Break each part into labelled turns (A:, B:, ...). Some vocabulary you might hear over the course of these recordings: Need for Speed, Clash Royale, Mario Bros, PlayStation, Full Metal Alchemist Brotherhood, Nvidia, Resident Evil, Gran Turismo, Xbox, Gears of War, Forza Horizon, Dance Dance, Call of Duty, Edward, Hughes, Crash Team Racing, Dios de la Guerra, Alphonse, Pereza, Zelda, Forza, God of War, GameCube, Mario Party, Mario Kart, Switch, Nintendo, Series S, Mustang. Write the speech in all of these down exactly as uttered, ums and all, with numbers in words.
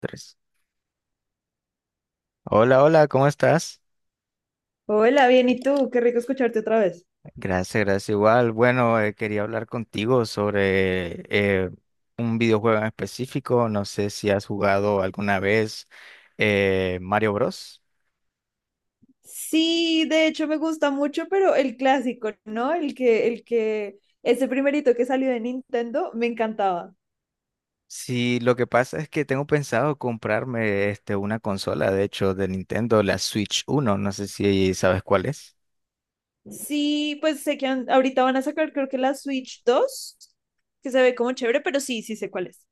A: Tres. Hola, hola, ¿cómo estás?
B: Hola, bien, ¿y tú? Qué rico escucharte otra vez.
A: Gracias, gracias igual. Bueno, eh, quería hablar contigo sobre eh, un videojuego en específico. No sé si has jugado alguna vez eh, Mario Bros.
B: Sí, de hecho me gusta mucho, pero el clásico, ¿no? El que, el que, ese primerito que salió de Nintendo, me encantaba.
A: Sí, lo que pasa es que tengo pensado comprarme este, una consola, de hecho, de Nintendo, la Switch uno. No sé si sabes cuál es.
B: Sí, pues sé que han- ahorita van a sacar creo que la Switch dos, que se ve como chévere, pero sí, sí sé cuál es.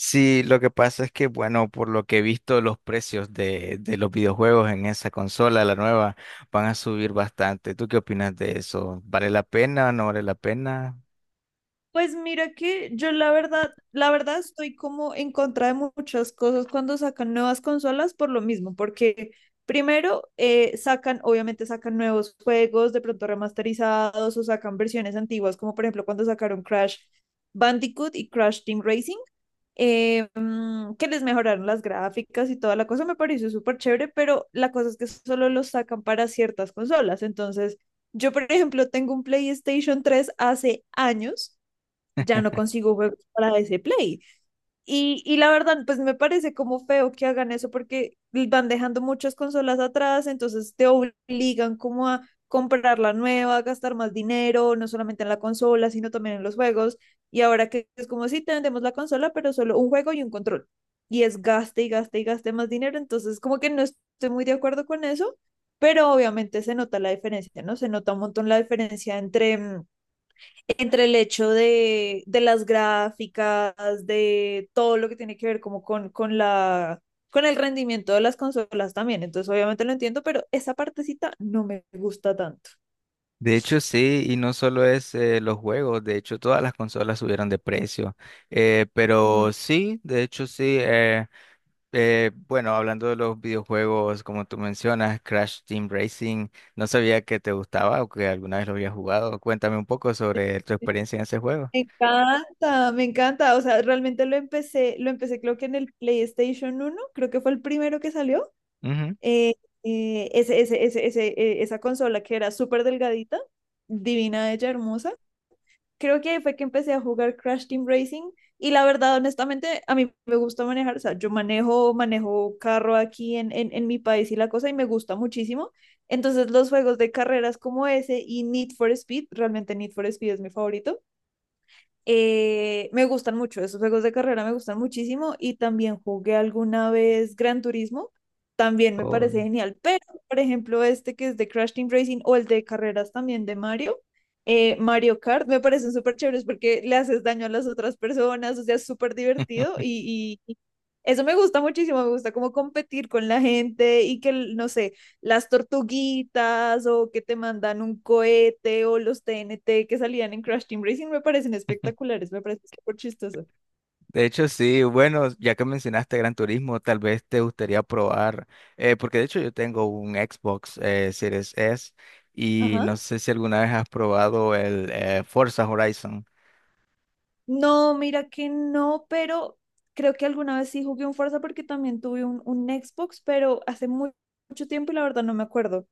A: Sí, lo que pasa es que, bueno, por lo que he visto, los precios de, de los videojuegos en esa consola, la nueva, van a subir bastante. ¿Tú qué opinas de eso? ¿Vale la pena o no vale la pena?
B: Pues mira que yo la verdad, la verdad estoy como en contra de muchas cosas cuando sacan nuevas consolas por lo mismo, porque primero eh, sacan, obviamente sacan nuevos juegos, de pronto remasterizados o sacan versiones antiguas, como por ejemplo cuando sacaron Crash Bandicoot y Crash Team Racing, eh, mm, que les mejoraron las gráficas y toda la cosa, me pareció súper chévere, pero la cosa es que solo los sacan para ciertas consolas, entonces yo por ejemplo tengo un PlayStation tres hace años ya no consigo juegos para ese Play. Y, y la verdad, pues me parece como feo que hagan eso porque van dejando muchas consolas atrás, entonces te obligan como a comprar la nueva, gastar más dinero, no solamente en la consola, sino también en los juegos. Y ahora que es como si sí, te vendemos la consola, pero solo un juego y un control. Y es gaste y gaste y gaste más dinero. Entonces, como que no estoy muy de acuerdo con eso, pero obviamente se nota la diferencia, ¿no? Se nota un montón la diferencia entre mm, entre el hecho de, de las gráficas, de todo lo que tiene que ver como con, con la, con el rendimiento de las consolas también. Entonces, obviamente lo entiendo, pero esa partecita no me gusta tanto.
A: De hecho, sí, y no solo es eh, los juegos, de hecho, todas las consolas subieron de precio. Eh,
B: Mm.
A: pero sí, de hecho, sí. eh, eh, Bueno, hablando de los videojuegos, como tú mencionas, Crash Team Racing, no sabía que te gustaba o que alguna vez lo habías jugado. Cuéntame un poco sobre tu experiencia en ese juego.
B: Me encanta, me encanta. O sea, realmente lo empecé, lo empecé creo que en el PlayStation uno creo que fue el primero que salió. Eh, eh, ese, ese, ese, ese, eh, esa consola que era súper delgadita, divina, ella hermosa. Creo que ahí fue que empecé a jugar Crash Team Racing y la verdad, honestamente, a mí me gusta manejar, o sea, yo manejo, manejo carro aquí en, en, en mi país y la cosa y me gusta muchísimo. Entonces los juegos de carreras como ese y Need for Speed, realmente Need for Speed es mi favorito, eh, me gustan mucho, esos juegos de carrera me gustan muchísimo y también jugué alguna vez Gran Turismo, también me
A: Oh.
B: parece genial, pero por ejemplo este que es de Crash Team Racing o el de carreras también de Mario, eh, Mario Kart, me parecen súper chéveres porque le haces daño a las otras personas, o sea, es súper divertido y, y y eso me gusta muchísimo, me gusta como competir con la gente y que, no sé, las tortuguitas o que te mandan un cohete o los T N T que salían en Crash Team Racing me parecen espectaculares, me parece súper chistoso.
A: De hecho, sí, bueno, ya que mencionaste Gran Turismo, tal vez te gustaría probar, eh, porque de hecho yo tengo un Xbox eh, Series S y
B: Ajá.
A: no sé si alguna vez has probado el eh, Forza Horizon.
B: No, mira que no, pero creo que alguna vez sí jugué un Forza porque también tuve un, un Xbox, pero hace muy, mucho tiempo y la verdad no me acuerdo.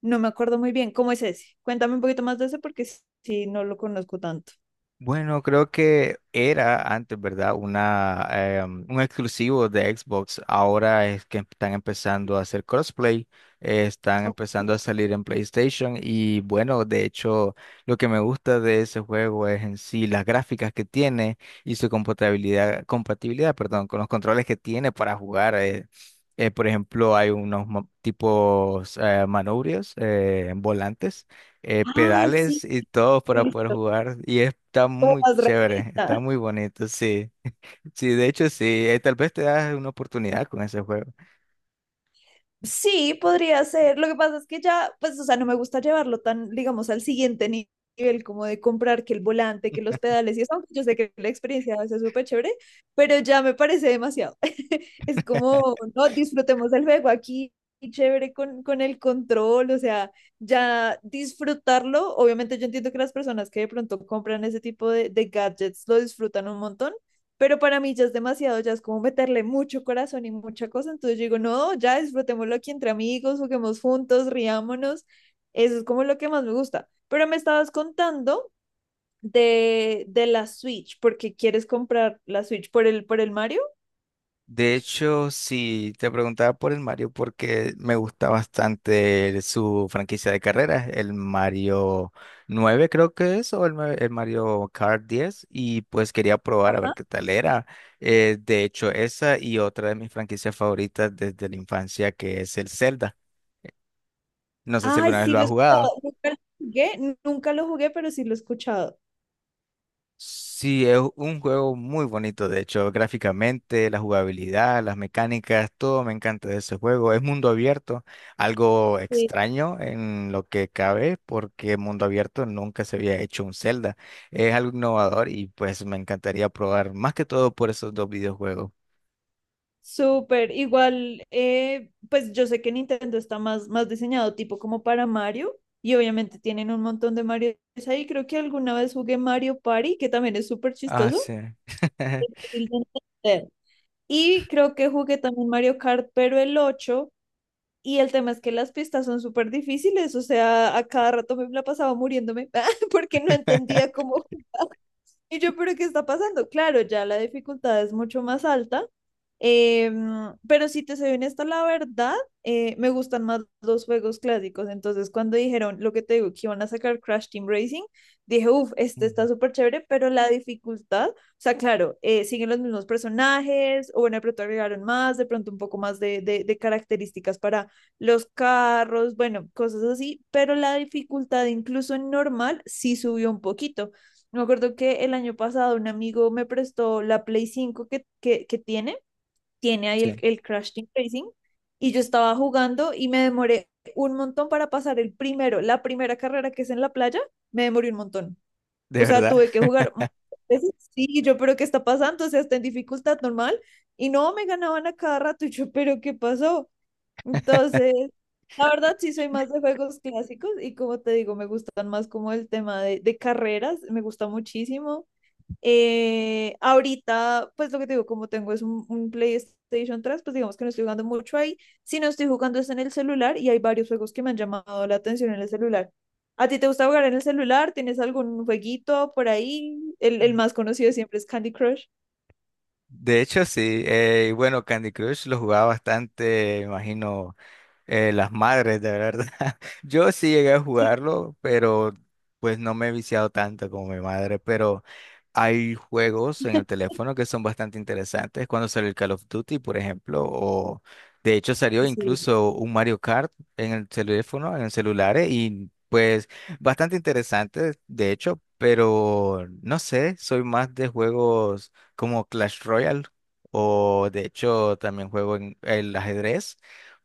B: No me acuerdo muy bien. ¿Cómo es ese? Cuéntame un poquito más de ese porque sí, sí no lo conozco tanto.
A: Bueno, creo que era antes, ¿verdad? Una, em, un exclusivo de Xbox. Ahora es que están empezando a hacer crossplay, eh, están
B: Oh.
A: empezando a salir en PlayStation y bueno, de hecho, lo que me gusta de ese juego es en sí las gráficas que tiene y su compatibilidad, compatibilidad, perdón, con los controles que tiene para jugar. eh. Eh, por ejemplo, hay unos mo- tipos eh, manubrios, eh, volantes eh,
B: Ah,
A: pedales
B: sí.
A: y todo para poder
B: Listo.
A: jugar. Y está
B: Como
A: muy
B: más
A: chévere,
B: realista.
A: está muy bonito, sí. Sí, de hecho, sí, eh, tal vez te das una oportunidad con ese juego.
B: Sí, podría ser. Lo que pasa es que ya, pues, o sea, no me gusta llevarlo tan, digamos, al siguiente ni- nivel, como de comprar que el volante, que los pedales y eso, aunque yo sé que la experiencia es súper chévere, pero ya me parece demasiado. Es como, no, disfrutemos el juego aquí, y chévere con, con el control, o sea, ya disfrutarlo. Obviamente yo entiendo que las personas que de pronto compran ese tipo de, de gadgets lo disfrutan un montón, pero para mí ya es demasiado, ya es como meterle mucho corazón y mucha cosa, entonces yo digo, no, ya disfrutémoslo aquí entre amigos, juguemos juntos, riámonos, eso es como lo que más me gusta. Pero me estabas contando de, de la Switch, porque quieres comprar la Switch por el, por el Mario.
A: De hecho, sí, te preguntaba por el Mario porque me gusta bastante el- su franquicia de carreras, el Mario nueve creo que es, o el, ma- el Mario Kart diez y pues quería probar a ver
B: Ajá.
A: qué tal era. Eh, de hecho, esa y otra de mis franquicias favoritas desde la infancia que es el Zelda. No sé si
B: Ay,
A: alguna vez
B: sí,
A: lo
B: lo
A: has
B: he
A: jugado.
B: escuchado, nunca lo jugué, nunca lo jugué, pero sí lo he escuchado.
A: Sí, es un juego muy bonito, de hecho, gráficamente, la jugabilidad, las mecánicas, todo me encanta de ese juego. Es mundo abierto, algo extraño en lo que cabe, porque mundo abierto nunca se había hecho un Zelda. Es algo innovador y pues me encantaría probar más que todo por esos dos videojuegos.
B: Súper, igual, eh, pues yo sé que Nintendo está más, más diseñado tipo como para Mario y obviamente tienen un montón de Mario ahí. Creo que alguna vez jugué Mario Party, que también es súper
A: Ah,
B: chistoso.
A: sí.
B: Difícil de entender. Y creo que jugué también Mario Kart, pero el ocho. Y el tema es que las pistas son súper difíciles, o sea, a cada rato me la pasaba muriéndome porque no entendía cómo. Y yo, pero ¿qué está pasando? Claro, ya la dificultad es mucho más alta. Em, pero si te soy honesta, la verdad, eh, me gustan más los juegos clásicos. Entonces, cuando dijeron lo que te digo, que iban a sacar Crash Team Racing, dije, uff, este está
A: Ujú.
B: súper chévere, pero la dificultad, o sea, claro, eh, siguen los mismos personajes, o bueno, de pronto agregaron más, de pronto un poco más de, de, de características para los carros, bueno, cosas así, pero la dificultad, incluso en normal, sí subió un poquito. Me acuerdo que el año pasado un amigo me prestó la Play cinco que, que, que tiene tiene ahí
A: Sí,
B: el, el Crash Team Racing y yo estaba jugando y me demoré un montón para pasar el primero, la primera carrera que es en la playa, me demoré un montón. O
A: de
B: sea,
A: verdad.
B: tuve que jugar muchas veces. Sí, y yo, pero ¿qué está pasando? O sea, está en dificultad normal. Y no, me ganaban a cada rato. Y yo, pero ¿qué pasó? Entonces, la verdad sí soy más de juegos clásicos y como te digo, me gustan más como el tema de, de carreras, me gusta muchísimo. Eh, ahorita, pues lo que te digo, como tengo es un, un PlayStation tres, pues digamos que no estoy jugando mucho ahí. Si no estoy jugando es en el celular y hay varios juegos que me han llamado la atención en el celular. ¿A ti te gusta jugar en el celular? ¿Tienes algún jueguito por ahí? El, el más conocido siempre es Candy Crush.
A: De hecho, sí. Eh, y bueno, Candy Crush lo jugaba bastante, me imagino, eh, las madres, de verdad. Yo sí llegué a
B: Sí,
A: jugarlo, pero pues no me he viciado tanto como mi madre. Pero hay juegos en el teléfono que son bastante interesantes. Cuando salió el Call of Duty, por ejemplo, o de hecho salió
B: así es.
A: incluso un Mario Kart en el teléfono, en el celular, eh, y pues bastante interesante, de hecho, pero no sé, soy más de juegos como Clash Royale o de hecho también juego en el ajedrez,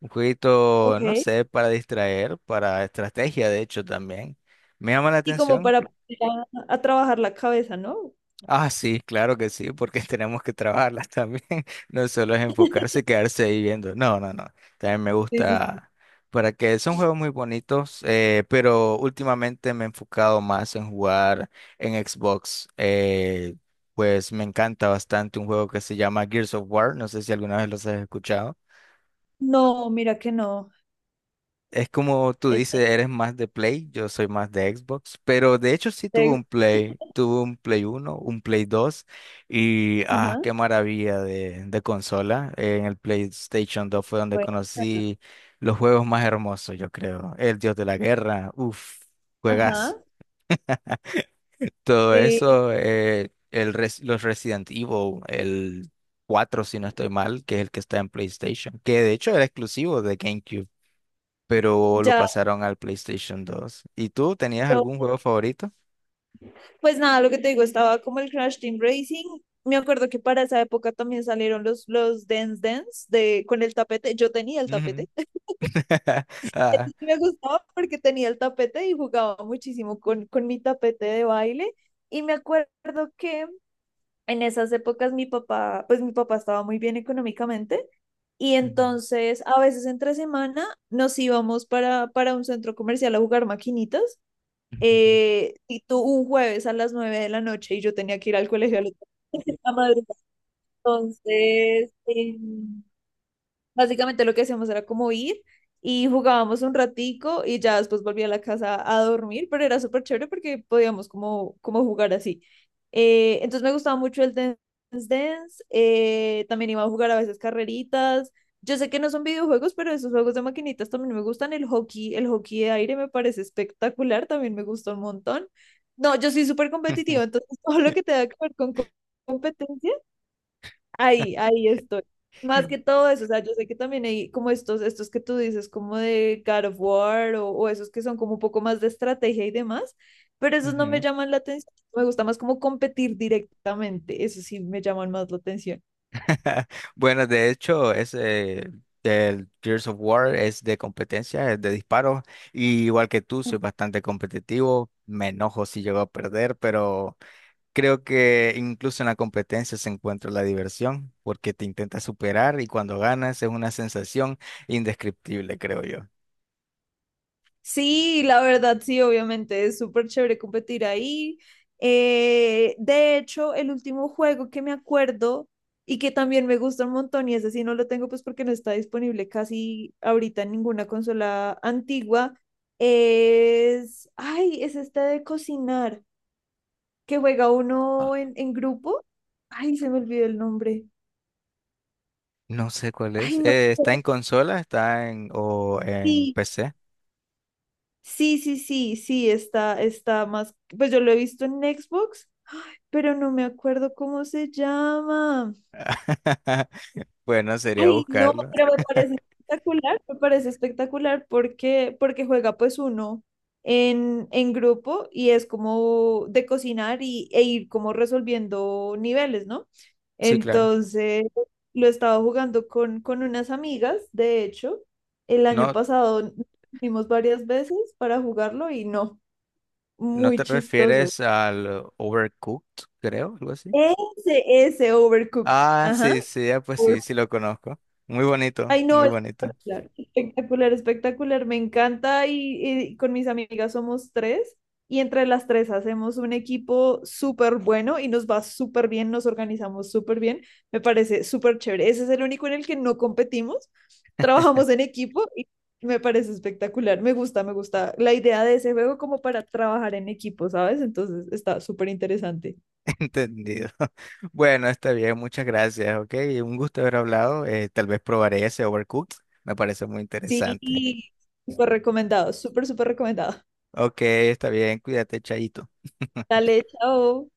A: un jueguito, no
B: Ok.
A: sé, para distraer, para estrategia de hecho también. Me llama la
B: Y como
A: atención.
B: para poner a, a trabajar la cabeza, ¿no?
A: Ah, sí, claro que sí, porque tenemos que trabajarlas también. No solo es enfocarse y quedarse ahí viendo. No, no, no. También me
B: Sí, sí.
A: gusta, para que son juegos muy bonitos, eh, pero últimamente me he enfocado más en jugar en Xbox. eh, Pues me encanta bastante un juego que se llama Gears of War. No sé si alguna vez los has escuchado.
B: No, mira que no.
A: Es como tú dices, eres más de Play, yo soy más de Xbox, pero de hecho sí tuve
B: Este,
A: un Play, tuve un Play uno, un Play dos y ah,
B: ajá,
A: qué maravilla de, de consola. En el PlayStation dos fue donde
B: bueno,
A: conocí los juegos más hermosos, yo creo. El Dios de la Guerra, uff, juegas.
B: ajá,
A: Todo
B: sí,
A: eso, eh, el res- los Resident Evil, el cuatro si no estoy mal, que es el que está en PlayStation, que de hecho era exclusivo de GameCube pero lo
B: ya.
A: pasaron al PlayStation dos. ¿Y tú tenías algún juego favorito?
B: Pues nada, lo que te digo, estaba como el Crash Team Racing. Me acuerdo que para esa época también salieron los, los Dance Dance de, con el tapete. Yo tenía el
A: Ujú.
B: tapete.
A: Ah,
B: Y me gustaba porque tenía el tapete y jugaba muchísimo con, con mi tapete de baile. Y me acuerdo que en esas épocas mi papá, pues mi papá estaba muy bien económicamente. Y
A: ujú,
B: entonces a veces entre semana nos íbamos para, para un centro comercial a jugar maquinitas,
A: ujú,
B: eh, y tú un jueves a las nueve de la noche y yo tenía que ir al colegio al otro- a la a madrugada. Entonces, em, básicamente lo que hacíamos era como ir y jugábamos un ratico y ya después volví a la casa a dormir, pero era súper chévere porque podíamos como, como jugar así. Eh, entonces me gustaba mucho el Dance Dance, eh, también iba a jugar a veces carreritas. Yo sé que no son videojuegos, pero esos juegos de maquinitas también me gustan. El hockey, el hockey de aire me parece espectacular, también me gusta un montón. No, yo soy súper competitiva, entonces todo lo que tenga que ver con co- competencia ahí, ahí estoy. Más que todo eso, o sea, yo sé que también hay como estos, estos que tú dices, como de God of War o, o esos que son como un poco más de estrategia y demás, pero esos no me
A: ujú.
B: llaman la atención. Me gusta más como competir directamente, eso sí me llaman más la atención.
A: Bueno, de hecho, ese el Gears of War es de competencia, es de disparos. Y igual que tú, soy bastante competitivo. Me enojo si llego a perder, pero creo que incluso en la competencia se encuentra la diversión, porque te intentas superar y cuando ganas es una sensación indescriptible, creo yo.
B: Sí, la verdad, sí, obviamente es súper chévere competir ahí. Eh, de hecho, el último juego que me acuerdo y que también me gusta un montón, y ese sí no lo tengo pues porque no está disponible casi ahorita en ninguna consola antigua, es, ay, es este de cocinar, que juega uno en, en grupo. Ay, se me olvidó el nombre.
A: No sé cuál es.
B: Ay, no.
A: Eh, ¿está en consola? ¿Está en o en
B: Sí,
A: P C?
B: sí, sí, sí, sí, está, está más, pues yo lo he visto en Xbox, pero no me acuerdo cómo se llama.
A: Bueno, sería
B: Ay, no,
A: buscarlo.
B: pero me parece espectacular, me parece espectacular porque, porque juega pues uno en, en grupo y es como de cocinar y, e ir como resolviendo niveles, ¿no?
A: Sí, claro.
B: Entonces, lo estaba jugando con, con unas amigas, de hecho, el año
A: No,
B: pasado nos vimos varias veces para jugarlo y no,
A: no
B: muy
A: te
B: chistoso.
A: refieres al Overcooked, creo, algo así.
B: Ese, ese Overcooked.
A: Ah,
B: Ajá.
A: sí, sí, ah, pues sí, sí lo conozco. Muy bonito,
B: Ay, no,
A: muy bonito.
B: espectacular, espectacular, espectacular, me encanta, y, y con mis amigas somos tres y entre las tres hacemos un equipo súper bueno y nos va súper bien, nos organizamos súper bien, me parece súper chévere. Ese es el único en el que no competimos, trabajamos en equipo y me parece espectacular, me gusta, me gusta la idea de ese juego como para trabajar en equipo, ¿sabes? Entonces está súper interesante.
A: Entendido. Bueno, está bien, muchas gracias, ok. Un gusto haber hablado. Eh, tal vez probaré ese Overcooked. Me parece muy
B: Sí,
A: interesante.
B: súper recomendado, súper, súper recomendado.
A: Ok, está bien, cuídate, Chaito.
B: Dale, chao.